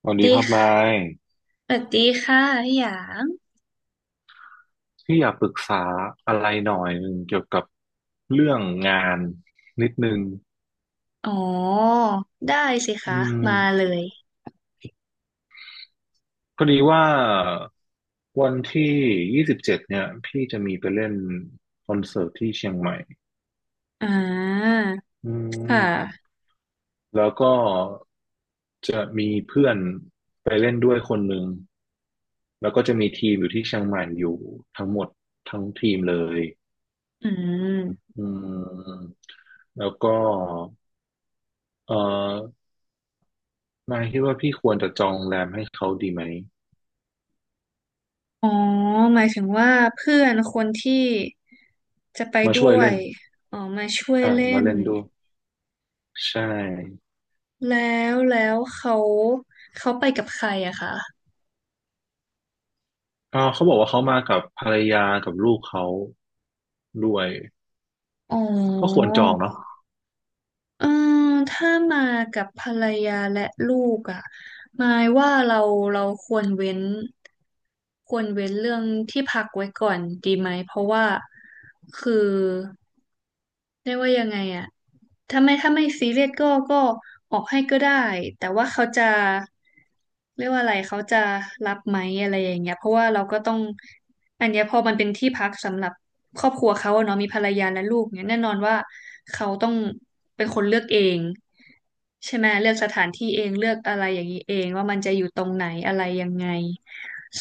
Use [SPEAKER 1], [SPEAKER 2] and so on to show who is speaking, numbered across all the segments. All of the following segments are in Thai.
[SPEAKER 1] ส
[SPEAKER 2] สวั
[SPEAKER 1] วัส
[SPEAKER 2] ส
[SPEAKER 1] ดี
[SPEAKER 2] ดี
[SPEAKER 1] ครับนา
[SPEAKER 2] ค่ะ
[SPEAKER 1] ย
[SPEAKER 2] สวัสดีค่ะพี่หยาง
[SPEAKER 1] พี่อยากปรึกษาอะไรหน่อยหนึ่งเกี่ยวกับเรื่องงานนิดนึง
[SPEAKER 2] อ๋อได้สิคะ
[SPEAKER 1] อืม
[SPEAKER 2] มาเลย
[SPEAKER 1] พอดีว่าวันที่27เนี่ยพี่จะมีไปเล่นคอนเสิร์ตที่เชียงใหม่
[SPEAKER 2] อ่า
[SPEAKER 1] อื
[SPEAKER 2] ค่
[SPEAKER 1] ม
[SPEAKER 2] ะ
[SPEAKER 1] แล้วก็จะมีเพื่อนไปเล่นด้วยคนหนึ่งแล้วก็จะมีทีมอยู่ที่เชียงใหม่อยู่ทั้งหมดทั้งทีมเลย
[SPEAKER 2] อืม
[SPEAKER 1] อืมแล้วก็เอ่อ นายคิดว่าพี่ควรจะจองโรงแรมให้เขาดีไหม
[SPEAKER 2] อ๋อหมายถึงว่าเพื่อนคนที่จะไป
[SPEAKER 1] มาช่ว
[SPEAKER 2] ด้
[SPEAKER 1] ย
[SPEAKER 2] ว
[SPEAKER 1] เล่
[SPEAKER 2] ย
[SPEAKER 1] น
[SPEAKER 2] อ๋อมาช่วย
[SPEAKER 1] ใช่
[SPEAKER 2] เล่
[SPEAKER 1] มา
[SPEAKER 2] น
[SPEAKER 1] เล่นด้วยใช่
[SPEAKER 2] แล้วเขาไปกับใครอะคะ
[SPEAKER 1] อ่าเขาบอกว่าเขามากับภรรยากับลูกเขาด้วย
[SPEAKER 2] อ๋
[SPEAKER 1] ก็ค
[SPEAKER 2] อ
[SPEAKER 1] วรจองเนาะ
[SPEAKER 2] เออถ้ามากับภรรยาและลูกอ่ะหมายว่าเราควรเว้นควรเว้นเรื่องที่พักไว้ก่อนดีไหมเพราะว่าคือเรียกว่ายังไงอ่ะ ถ้าไม่ซีเรียสก็ออกให้ก็ได้แต่ว่าเขาจะเรียกว่าอะไรเขาจะรับไหมอะไรอย่างเงี้ยเพราะว่าเราก็ต้องอันเนี้ยพอมันเป็นที่พักสำหรับครอบครัวเขาอะเนาะมีภรรยาและลูกเนี่ยแน่นอนว่าเขาต้องเป็นคนเลือกเองใช่ไหมเลือกสถานที่เองเลือกอะไรอย่างนี้เองว่ามันจะอยู่ตรงไหนอะไรยังไง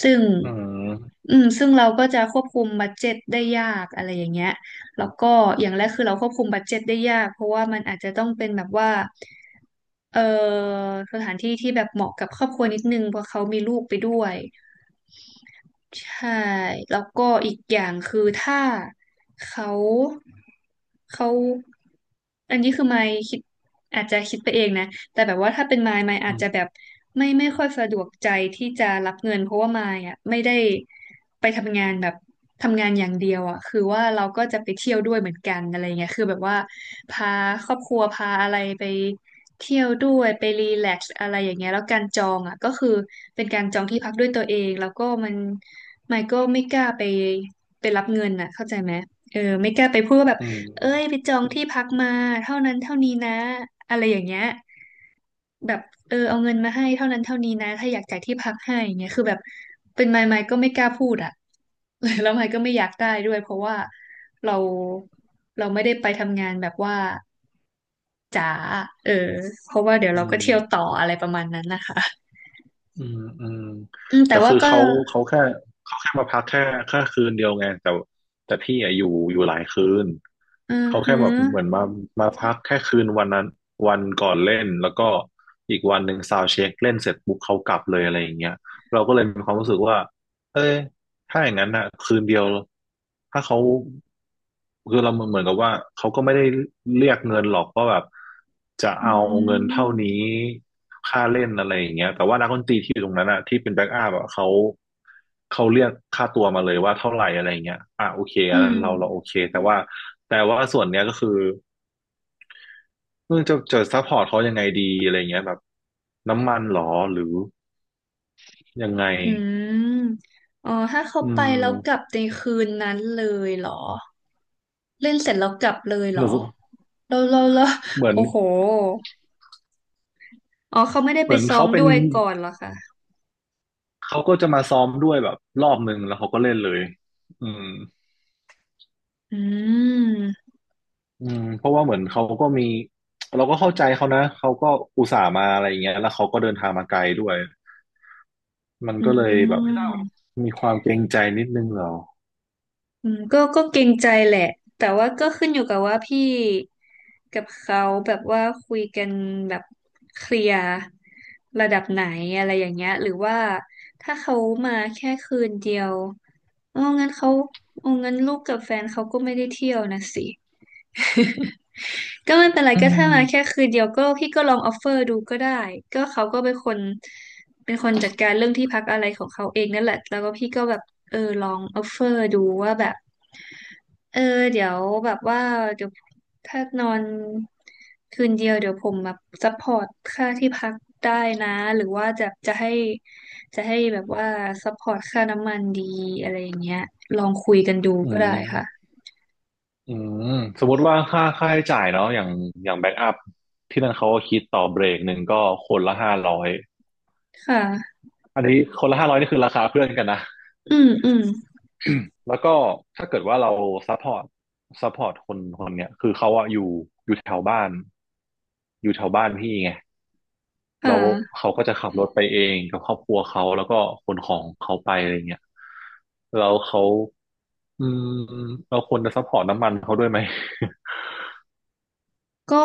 [SPEAKER 2] ซึ่ง
[SPEAKER 1] อืม
[SPEAKER 2] อืมซึ่งเราก็จะควบคุมบัดเจ็ตได้ยากอะไรอย่างเงี้ย แล้วก็อย่างแรกคือเราควบคุมบัดเจ็ตได้ยากเพราะว่ามันอาจจะต้องเป็นแบบว่าเอ่อสถานที่ที่แบบเหมาะกับครอบครัวนิดนึงเพราะเขามีลูกไปด้วยใช่แล้วก็อีกอย่างคือถ้าเขาเขาอันนี้คือไม่คิดอาจจะคิดไปเองนะ แต่แบบว่าถ้าเป็นมายมาย
[SPEAKER 1] อื
[SPEAKER 2] อาจจะแบ
[SPEAKER 1] ม
[SPEAKER 2] บไม่ค่อยสะดวกใจที่จะรับเงินเพราะว่ามายอ่ะไม่ได้ไปทำงานแบบทำงานอย่างเดียวอ่ะคือว่าเราก็จะไปเที่ยวด้วยเหมือนกันอะไรเงี้ยคือแบบว่าพาครอบครัวพาอะไรไปเที่ยวด้วยไปรีแลกซ์อะไรอย่างเงี้ยแล้วการจองอ่ะก็คือเป็นการจองที่พักด้วยตัวเองแล้วก็มันมายก็ไม่กล้าไปไปรับเงินอ่ะเข้าใจไหมเออไม่กล้าไปพูดว่าแบบ
[SPEAKER 1] อืม
[SPEAKER 2] เอ้ยไปจองที่พักมาเท่านั้นเท่านี้นะอะไรอย่างเงี้ยแบบเออเอาเงินมาให้เท่านั้นเท่านี้นะถ้าอยากจ่ายที่พักให้อย่างเงี้ยคือแบบเป็นไมค์ไมค์ก็ไม่กล้าพูดอ่ะ แล้วไมค์ก็ไม่อยากได้ด้วยเพราะว่าเราเราไม่ได้ไปทำงานแบบว่าจ๋าเออเพราะว่าเดี๋ยว
[SPEAKER 1] อื
[SPEAKER 2] เราก็
[SPEAKER 1] ม
[SPEAKER 2] เที่ยวต่ออะไรประมาณนั้นนะคะ
[SPEAKER 1] อืมอืม
[SPEAKER 2] อืมแต่
[SPEAKER 1] แต่
[SPEAKER 2] ว่า
[SPEAKER 1] คือ
[SPEAKER 2] ก็
[SPEAKER 1] เขาแค่เขาแค่มาพักแค่คืนเดียวไงแต่พี่อะอยู่หลายคืน
[SPEAKER 2] อือ
[SPEAKER 1] เขา
[SPEAKER 2] ฮึ
[SPEAKER 1] แค่แบบเหมือนมาพักแค่คืนวันนั้นวันก่อนเล่นแล้วก็อีกวันหนึ่งซาวด์เช็คเล่นเสร็จปุ๊บเขากลับเลยอะไรอย่างเงี้ยเราก็เลยมีความรู้สึกว่าเอ้ย ถ้าอย่างนั้นอะคืนเดียวถ้าเขาคือเราเหมือนกับว่าเขาก็ไม่ได้เรียกเงินหรอกว่าแบบจะ
[SPEAKER 2] อื
[SPEAKER 1] เอาเงินเท่า
[SPEAKER 2] ม
[SPEAKER 1] นี้ค่าเล่นอะไรอย่างเงี้ยแต่ว่านักดนตรีที่อยู่ตรงนั้นอะที่เป็นแบ็กอัพอะเขาเรียกค่าตัวมาเลยว่าเท่าไหร่อะไรเงี้ยอ่ะโอเค
[SPEAKER 2] อื
[SPEAKER 1] อันนั้น
[SPEAKER 2] ม
[SPEAKER 1] เราโอเคแต่ว่าส่วนเนี้ยก็คือเออจะซัพพอร์ตเขายังไงดีอะไรเงี้ยแบบน้ำมันหรอหรือยังไง
[SPEAKER 2] อืม อ๋อ ถ้าเขา
[SPEAKER 1] อื
[SPEAKER 2] ไปแล้วกลั
[SPEAKER 1] ม
[SPEAKER 2] บในคืนนั้นเลยเหรอ เล่นเสร็จแล้วกลับเลยเห
[SPEAKER 1] เห
[SPEAKER 2] รอ
[SPEAKER 1] มือ
[SPEAKER 2] เราโอ้โห
[SPEAKER 1] น
[SPEAKER 2] อ๋อเขาไม่ได้
[SPEAKER 1] เห
[SPEAKER 2] ไป
[SPEAKER 1] มือน
[SPEAKER 2] ซ้อ
[SPEAKER 1] เขา
[SPEAKER 2] ม
[SPEAKER 1] เป็
[SPEAKER 2] ด้
[SPEAKER 1] น
[SPEAKER 2] วยก่อนเหรอคะ
[SPEAKER 1] เขาก็จะมาซ้อมด้วยแบบรอบหนึ่งแล้วเขาก็เล่นเลยอืม
[SPEAKER 2] อืม
[SPEAKER 1] อืมเพราะว่าเหมือนเขาก็มีเราก็เข้าใจเขานะ เขาก็อุตส่าห์มาอะไรอย่างเงี้ยแล้วเขาก็เดินทางมาไกลด้วยมัน
[SPEAKER 2] อื
[SPEAKER 1] ก็เลยแบบ
[SPEAKER 2] ม
[SPEAKER 1] มีความเกรงใจนิดนึงเหรอ
[SPEAKER 2] อืมก็เกรงใจแหละแต่ว่าก็ขึ้นอยู่กับว่าพี่กับเขาแบบว่าคุยกันแบบเคลียร์ระดับไหนอะไรอย่างเงี้ยหรือว่าถ้าเขามาแค่คืนเดียวอ๋องั้นเขาอ๋องั้นลูกกับแฟนเขาก็ไม่ได้เที่ยวนะสิ ก็ไม่เป็นไรก็ถ้ามาแค่คืนเดียวก็พี่ก็ลองออฟเฟอร์ดูก็ได้ก็เขาก็เป็นคนเป็นคนจัดการเรื่องที่พักอะไรของเขาเองนั่นแหละแล้วก็พี่ก็แบบเออลองออฟเฟอร์ดูว่าแบบเออเดี๋ยวแบบว่าเดี๋ยวถ้านอนคืนเดียวเดี๋ยวผมแบบซัพพอร์ตค่าที่พักได้นะหรือว่าจะให้แบบว่าซัพพอร์ตค่าน้ำมันดีอะไรอย่างเงี้ยลองคุยกันดู
[SPEAKER 1] อื
[SPEAKER 2] ก็ได้ค่ะ
[SPEAKER 1] มอืมสมมติว่าค่าใช้จ่ายเนาะอย่างแบ็กอัพที่นั่นเขาก็คิดต่อเบรกหนึ่งก็คนละห้าร้อย
[SPEAKER 2] ค่ะ
[SPEAKER 1] อันนี้คนละห้าร้อยนี่คือราคาเพื่อนกันนะ
[SPEAKER 2] อืมอืม
[SPEAKER 1] แล้วก็ถ้าเกิดว่าเราซัพพอร์ตซัพพอร์ตคนคนเนี้ยคือเขาอะอยู่แถวบ้านอยู่แถวบ้านพี่ไง
[SPEAKER 2] อ่
[SPEAKER 1] แล้ว
[SPEAKER 2] า
[SPEAKER 1] เขาก็จะขับรถไปเองกับครอบครัวเขาแล้วก็ขนของเขาไปอะไรเงี้ยแล้วเขาอืมเราควรจะซัพพอร์ตน้ำมันเขาด้วยไหม
[SPEAKER 2] ก็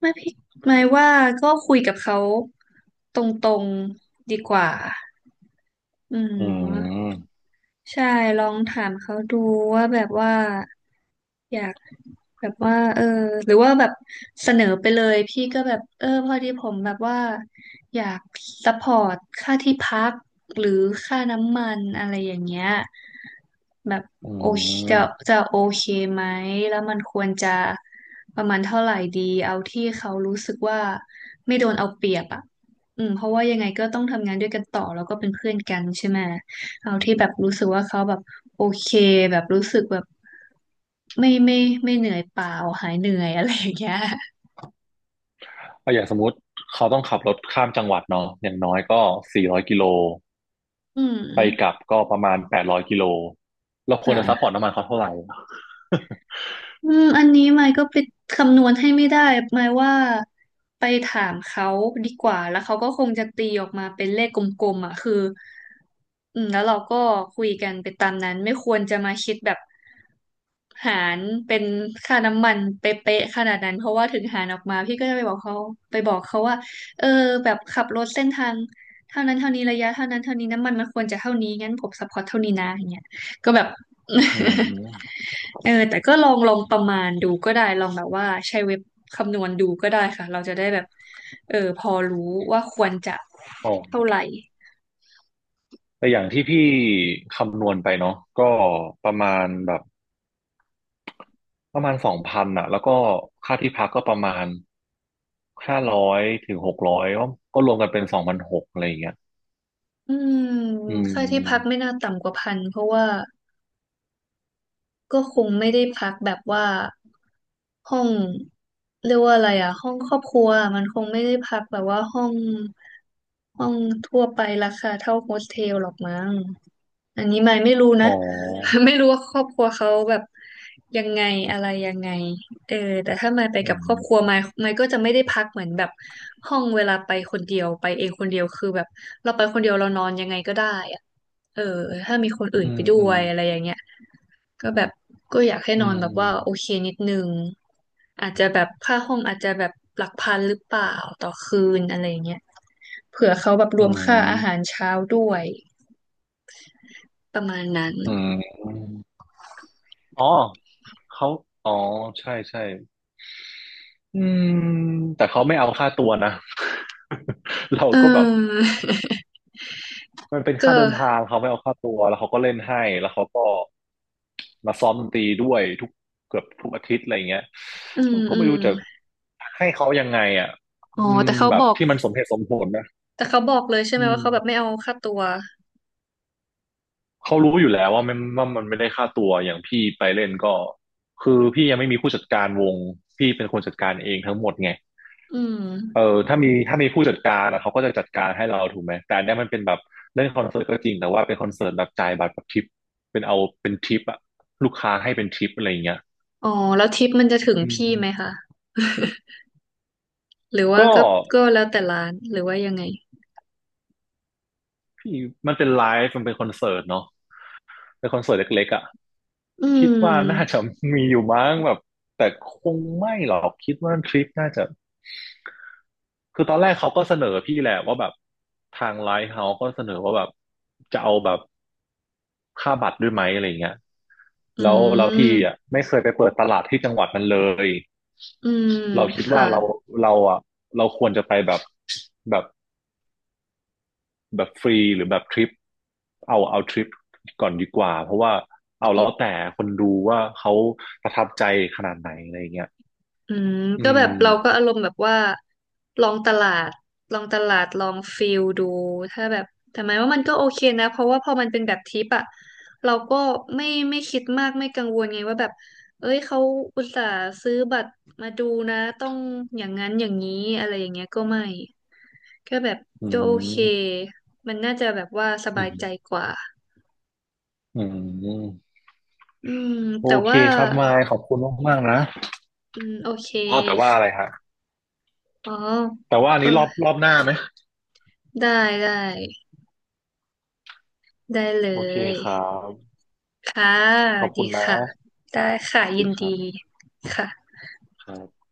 [SPEAKER 2] ไม่พี่หมายว่าก็คุยกับเขาตรงๆดีกว่าอื
[SPEAKER 1] อื
[SPEAKER 2] ม
[SPEAKER 1] ม
[SPEAKER 2] ใช่ลองถามเขาดูว่าแบบว่าอยาก แบบว่าเออหรือว่าแบบเสนอไปเลยพี่ก็แบบเออพอดีผมแบบว่าอยากซัพพอร์ตค่าที่พักหรือค่าน้ำมันอะไรอย่างเงี้ยแบบ
[SPEAKER 1] อื
[SPEAKER 2] โอเค
[SPEAKER 1] ม
[SPEAKER 2] จะโอเคไหมแล้วมันควรจะประมาณเท่าไหร่ดีเอาที่เขารู้สึกว่าไม่โดนเอาเปรียบอ่ะอืมเพราะว่ายังไงก็ต้องทำงานด้วยกันต่อแล้วก็เป็นเพื่อนกันใช่ไหมเอาที่แบบรู้สึกว่าเขาแบบโอเคแบบรู้สึกแบบ ไม่ไม่ไม่เหนื่อยเปล่าหายเหนื่อยอะไรอย่างเงี้ย
[SPEAKER 1] ก็อย่างสมมติเขาต้องขับรถข้ามจังหวัดเนาะอย่างน้อยก็400กิโล
[SPEAKER 2] อื
[SPEAKER 1] ไปก
[SPEAKER 2] ม
[SPEAKER 1] ลับก็ประมาณ800กิโลเราควรจะซัพพอร์
[SPEAKER 2] ค่ะ
[SPEAKER 1] ตน้ำมันเขาเท่าไหร่
[SPEAKER 2] อืมอันนี้ไมค์ก็ไปคำนวณให้ไม่ได้ไมค์ว่าไปถามเขาดีกว่าแล้วเขาก็คงจะตีออกมาเป็นเลขกลมๆอ่ะคืออืมแล้วเราก็คุยกันไปตามนั้นไม่ควรจะมาคิดแบบหารเป็นค่าน้ำมันเป๊ะๆขนาดนั้นเพราะว่าถึงหารออกมาพี่ก็จะไปบอกเขาไปบอกเขาว่าเออแบบขับรถเส้นทางเท่านั้นเท่านี้ระยะเท่านั้นเท่านี้น้ำมันมันควรจะเท่านี้งั้นผมซัพพอร์ตเท่านี้นะอย่างเงี้ยก็แบบ
[SPEAKER 1] อืม
[SPEAKER 2] เออแต่ก็ลองประมาณดูก็ได้ลองแบบว่าใช้เว็บคำนวณดูก็ได้ค่ะเราจะได้แบบเออพอรู้ว่าควรจะ
[SPEAKER 1] อ๋
[SPEAKER 2] เท่า
[SPEAKER 1] อ
[SPEAKER 2] ไหร่
[SPEAKER 1] แต่อย่างที่พี่คำนวณไปเนาะก็ประมาณแบบประมาณสองพันอะแล้วก็ค่าที่พักก็ประมาณห้าร้อยถึง600ก็รวมกันเป็น2,600อะไรอย่างเงี้ย
[SPEAKER 2] อืม
[SPEAKER 1] อื
[SPEAKER 2] ค่าที่พักไม่
[SPEAKER 1] ม
[SPEAKER 2] น่าต่ำกว่าพันเพราะว่า ก็คงไม่ได้พักแบบว่าห้องเรียกว่าอะไรอะห้องครอบครัวมันคงไม่ได้พักแบบว่าห้องทั่วไปราคาเท่าโฮสเทลหรอกมั้งอันนี้ไม่รู้
[SPEAKER 1] อ๋
[SPEAKER 2] นะ
[SPEAKER 1] อ
[SPEAKER 2] ไม่รู้ว่าครอบครัวเขาแบบยังไงอะไรยังไงเออแต่ถ้าไม่ไป
[SPEAKER 1] อื
[SPEAKER 2] กับครอบครัวไม่
[SPEAKER 1] ม
[SPEAKER 2] ไม่ก็จะไม่ได้พักเหมือนแบบห้องเวลาไปคนเดียวไปเองคนเดียวคือแบบเราไปคนเดียวเรานอนยังไงก็ได้อะเออถ้ามีคนอื่น
[SPEAKER 1] อื
[SPEAKER 2] ไป
[SPEAKER 1] ม
[SPEAKER 2] ด้
[SPEAKER 1] อื
[SPEAKER 2] ว
[SPEAKER 1] ม
[SPEAKER 2] ยอะไรอย่างเงี้ย ก็แบบก็อยากให้
[SPEAKER 1] อื
[SPEAKER 2] นอน
[SPEAKER 1] ม
[SPEAKER 2] แบบว่าโอเคนิดนึงอาจจะแบบค่าห้องอาจจะแบบหลักพันหรือเปล่าต่อคืนอะไรอย่างเงี้ยเผื่อเขาแบบร
[SPEAKER 1] อื
[SPEAKER 2] วมค่าอาหาร
[SPEAKER 1] ม
[SPEAKER 2] เช้าด้วยประมาณนั้น
[SPEAKER 1] อืมอ๋อ เขา อ๋อ ใช่ใช่ อืมแต่เขาไม่เอาค่าตัวนะ เรา
[SPEAKER 2] เอ
[SPEAKER 1] ก็แบบ
[SPEAKER 2] อ
[SPEAKER 1] มันเป็นค่า
[SPEAKER 2] ก็
[SPEAKER 1] เดินทางเขาไม่เอาค่าตัวแล้วเขาก็เล่นให้แล้วเขาก็มาซ้อมดนตรีด้วยทุกเกือบทุกอาทิตย์อะไรเงี้ย
[SPEAKER 2] อืม
[SPEAKER 1] เราก็
[SPEAKER 2] อื
[SPEAKER 1] ไม่
[SPEAKER 2] ม
[SPEAKER 1] รู้จะให้เขายังไงอ่ะ
[SPEAKER 2] อ๋อ
[SPEAKER 1] อืมแบบที่มันสมเหตุสมผลนะ
[SPEAKER 2] แต่เขาบอกเลยใช่ไห
[SPEAKER 1] อื
[SPEAKER 2] มว่าเขาแบบไม่
[SPEAKER 1] ม
[SPEAKER 2] เอาค่าตัว
[SPEAKER 1] เขารู้อยู่แล้วว่ามันไม่ได้ค่าตัวอย่างพี่ไปเล่นก็คือพี่ยังไม่มีผู้จัดการวงพี่เป็นคนจัดการเองทั้งหมดไง
[SPEAKER 2] อื
[SPEAKER 1] เอ
[SPEAKER 2] ม
[SPEAKER 1] อถ้ามีผู้จัดการอะเขาก็จะจัดการให้เราถูกไหมแต่อันเนี้ยมันเป็นแบบเล่นคอนเสิร์ตก็จริงแต่ว่าเป็นคอนเสิร์ตแบบจ่ายบัตรแบบทิปเป็นเอาเป็นทิปอะลูกค้าให้เป็นทิปอะไรอย่างเงี้ย
[SPEAKER 2] อ๋อแล้วทิปมันจะถึง
[SPEAKER 1] อืม
[SPEAKER 2] พี่ไหมคะ หรือว่า
[SPEAKER 1] ก็
[SPEAKER 2] ก็ก็แล้วแต่ร้านหรือว่ายังไง
[SPEAKER 1] พี่มันเป็นไลฟ์มันเป็นคอนเสิร์ตเนาะเป็นคอนเสิร์ตเล็กๆอะ
[SPEAKER 2] อื
[SPEAKER 1] คิดว่าน่า
[SPEAKER 2] ม
[SPEAKER 1] จะมีอยู่มั้งแบบแต่คงไม่หรอกคิดว่าทริปน่าจะคือตอนแรกเขาก็เสนอพี่แหละว่าแบบทางไลฟ์เฮาส์ก็เสนอว่าแบบจะเอาแบบ ค่าบัตรด้วยไหมอะไรเงี้ย
[SPEAKER 2] อื
[SPEAKER 1] แล้วเราพี่อ่ะ
[SPEAKER 2] ม
[SPEAKER 1] ไม่เคยไปเปิดตลาดที่จังหวัดนั้นเลย
[SPEAKER 2] อืม
[SPEAKER 1] เราคิด
[SPEAKER 2] ค่ะ
[SPEAKER 1] ว่าเราอ่ะเราควรจะไปแบบแบบฟรีหรือแบบทริปเอาทริปก่อนดีกว่าเพราะว่าเอาแล้วแต่คนดูว่าเขาประทับใจขนาดไหนอะไรเงี้ย
[SPEAKER 2] อืม
[SPEAKER 1] อื
[SPEAKER 2] ก็แบบเราก็
[SPEAKER 1] ม
[SPEAKER 2] อารมณ์แบบว่าลองตลาดลองตลาดลองฟิลดูถ้าแบบแต่หมายว่ามันก็โอเคนะเพราะว่าพอมันเป็นแบบทิปอะเราก็ไม่ไม่คิดมากไม่กังวลไงว่าแบบเอ้ยเขาอุตส่าห์ซื้อบัตรมาดูนะต้องอย่างนั้นอย่างนี้อะไรอย่างเงี้ยก็ไม่ก็แบบ
[SPEAKER 1] อื
[SPEAKER 2] ก็โอเค
[SPEAKER 1] ม
[SPEAKER 2] มันน่าจะแบบว่าส
[SPEAKER 1] อื
[SPEAKER 2] บาย
[SPEAKER 1] ม
[SPEAKER 2] ใจกว่า
[SPEAKER 1] อืม
[SPEAKER 2] อืม
[SPEAKER 1] โอ
[SPEAKER 2] แต่
[SPEAKER 1] เค
[SPEAKER 2] ว่า
[SPEAKER 1] ครับมายขอบคุณมากๆนะ
[SPEAKER 2] อืมโอเค
[SPEAKER 1] อ๋อแต่ว่าอะไรฮะ
[SPEAKER 2] อ๋อ
[SPEAKER 1] แต่ว่าอัน
[SPEAKER 2] เออ
[SPEAKER 1] นี้รอบหน้าไหม
[SPEAKER 2] ได้ได้ได้เล
[SPEAKER 1] โอเค
[SPEAKER 2] ย
[SPEAKER 1] ครับ
[SPEAKER 2] ค่ะ
[SPEAKER 1] ขอบคุ
[SPEAKER 2] ดี
[SPEAKER 1] ณนะ
[SPEAKER 2] ค่ะได้ค่ะยิ
[SPEAKER 1] ดี
[SPEAKER 2] น
[SPEAKER 1] ค
[SPEAKER 2] ดี
[SPEAKER 1] รับ
[SPEAKER 2] ค่ะ
[SPEAKER 1] ครับ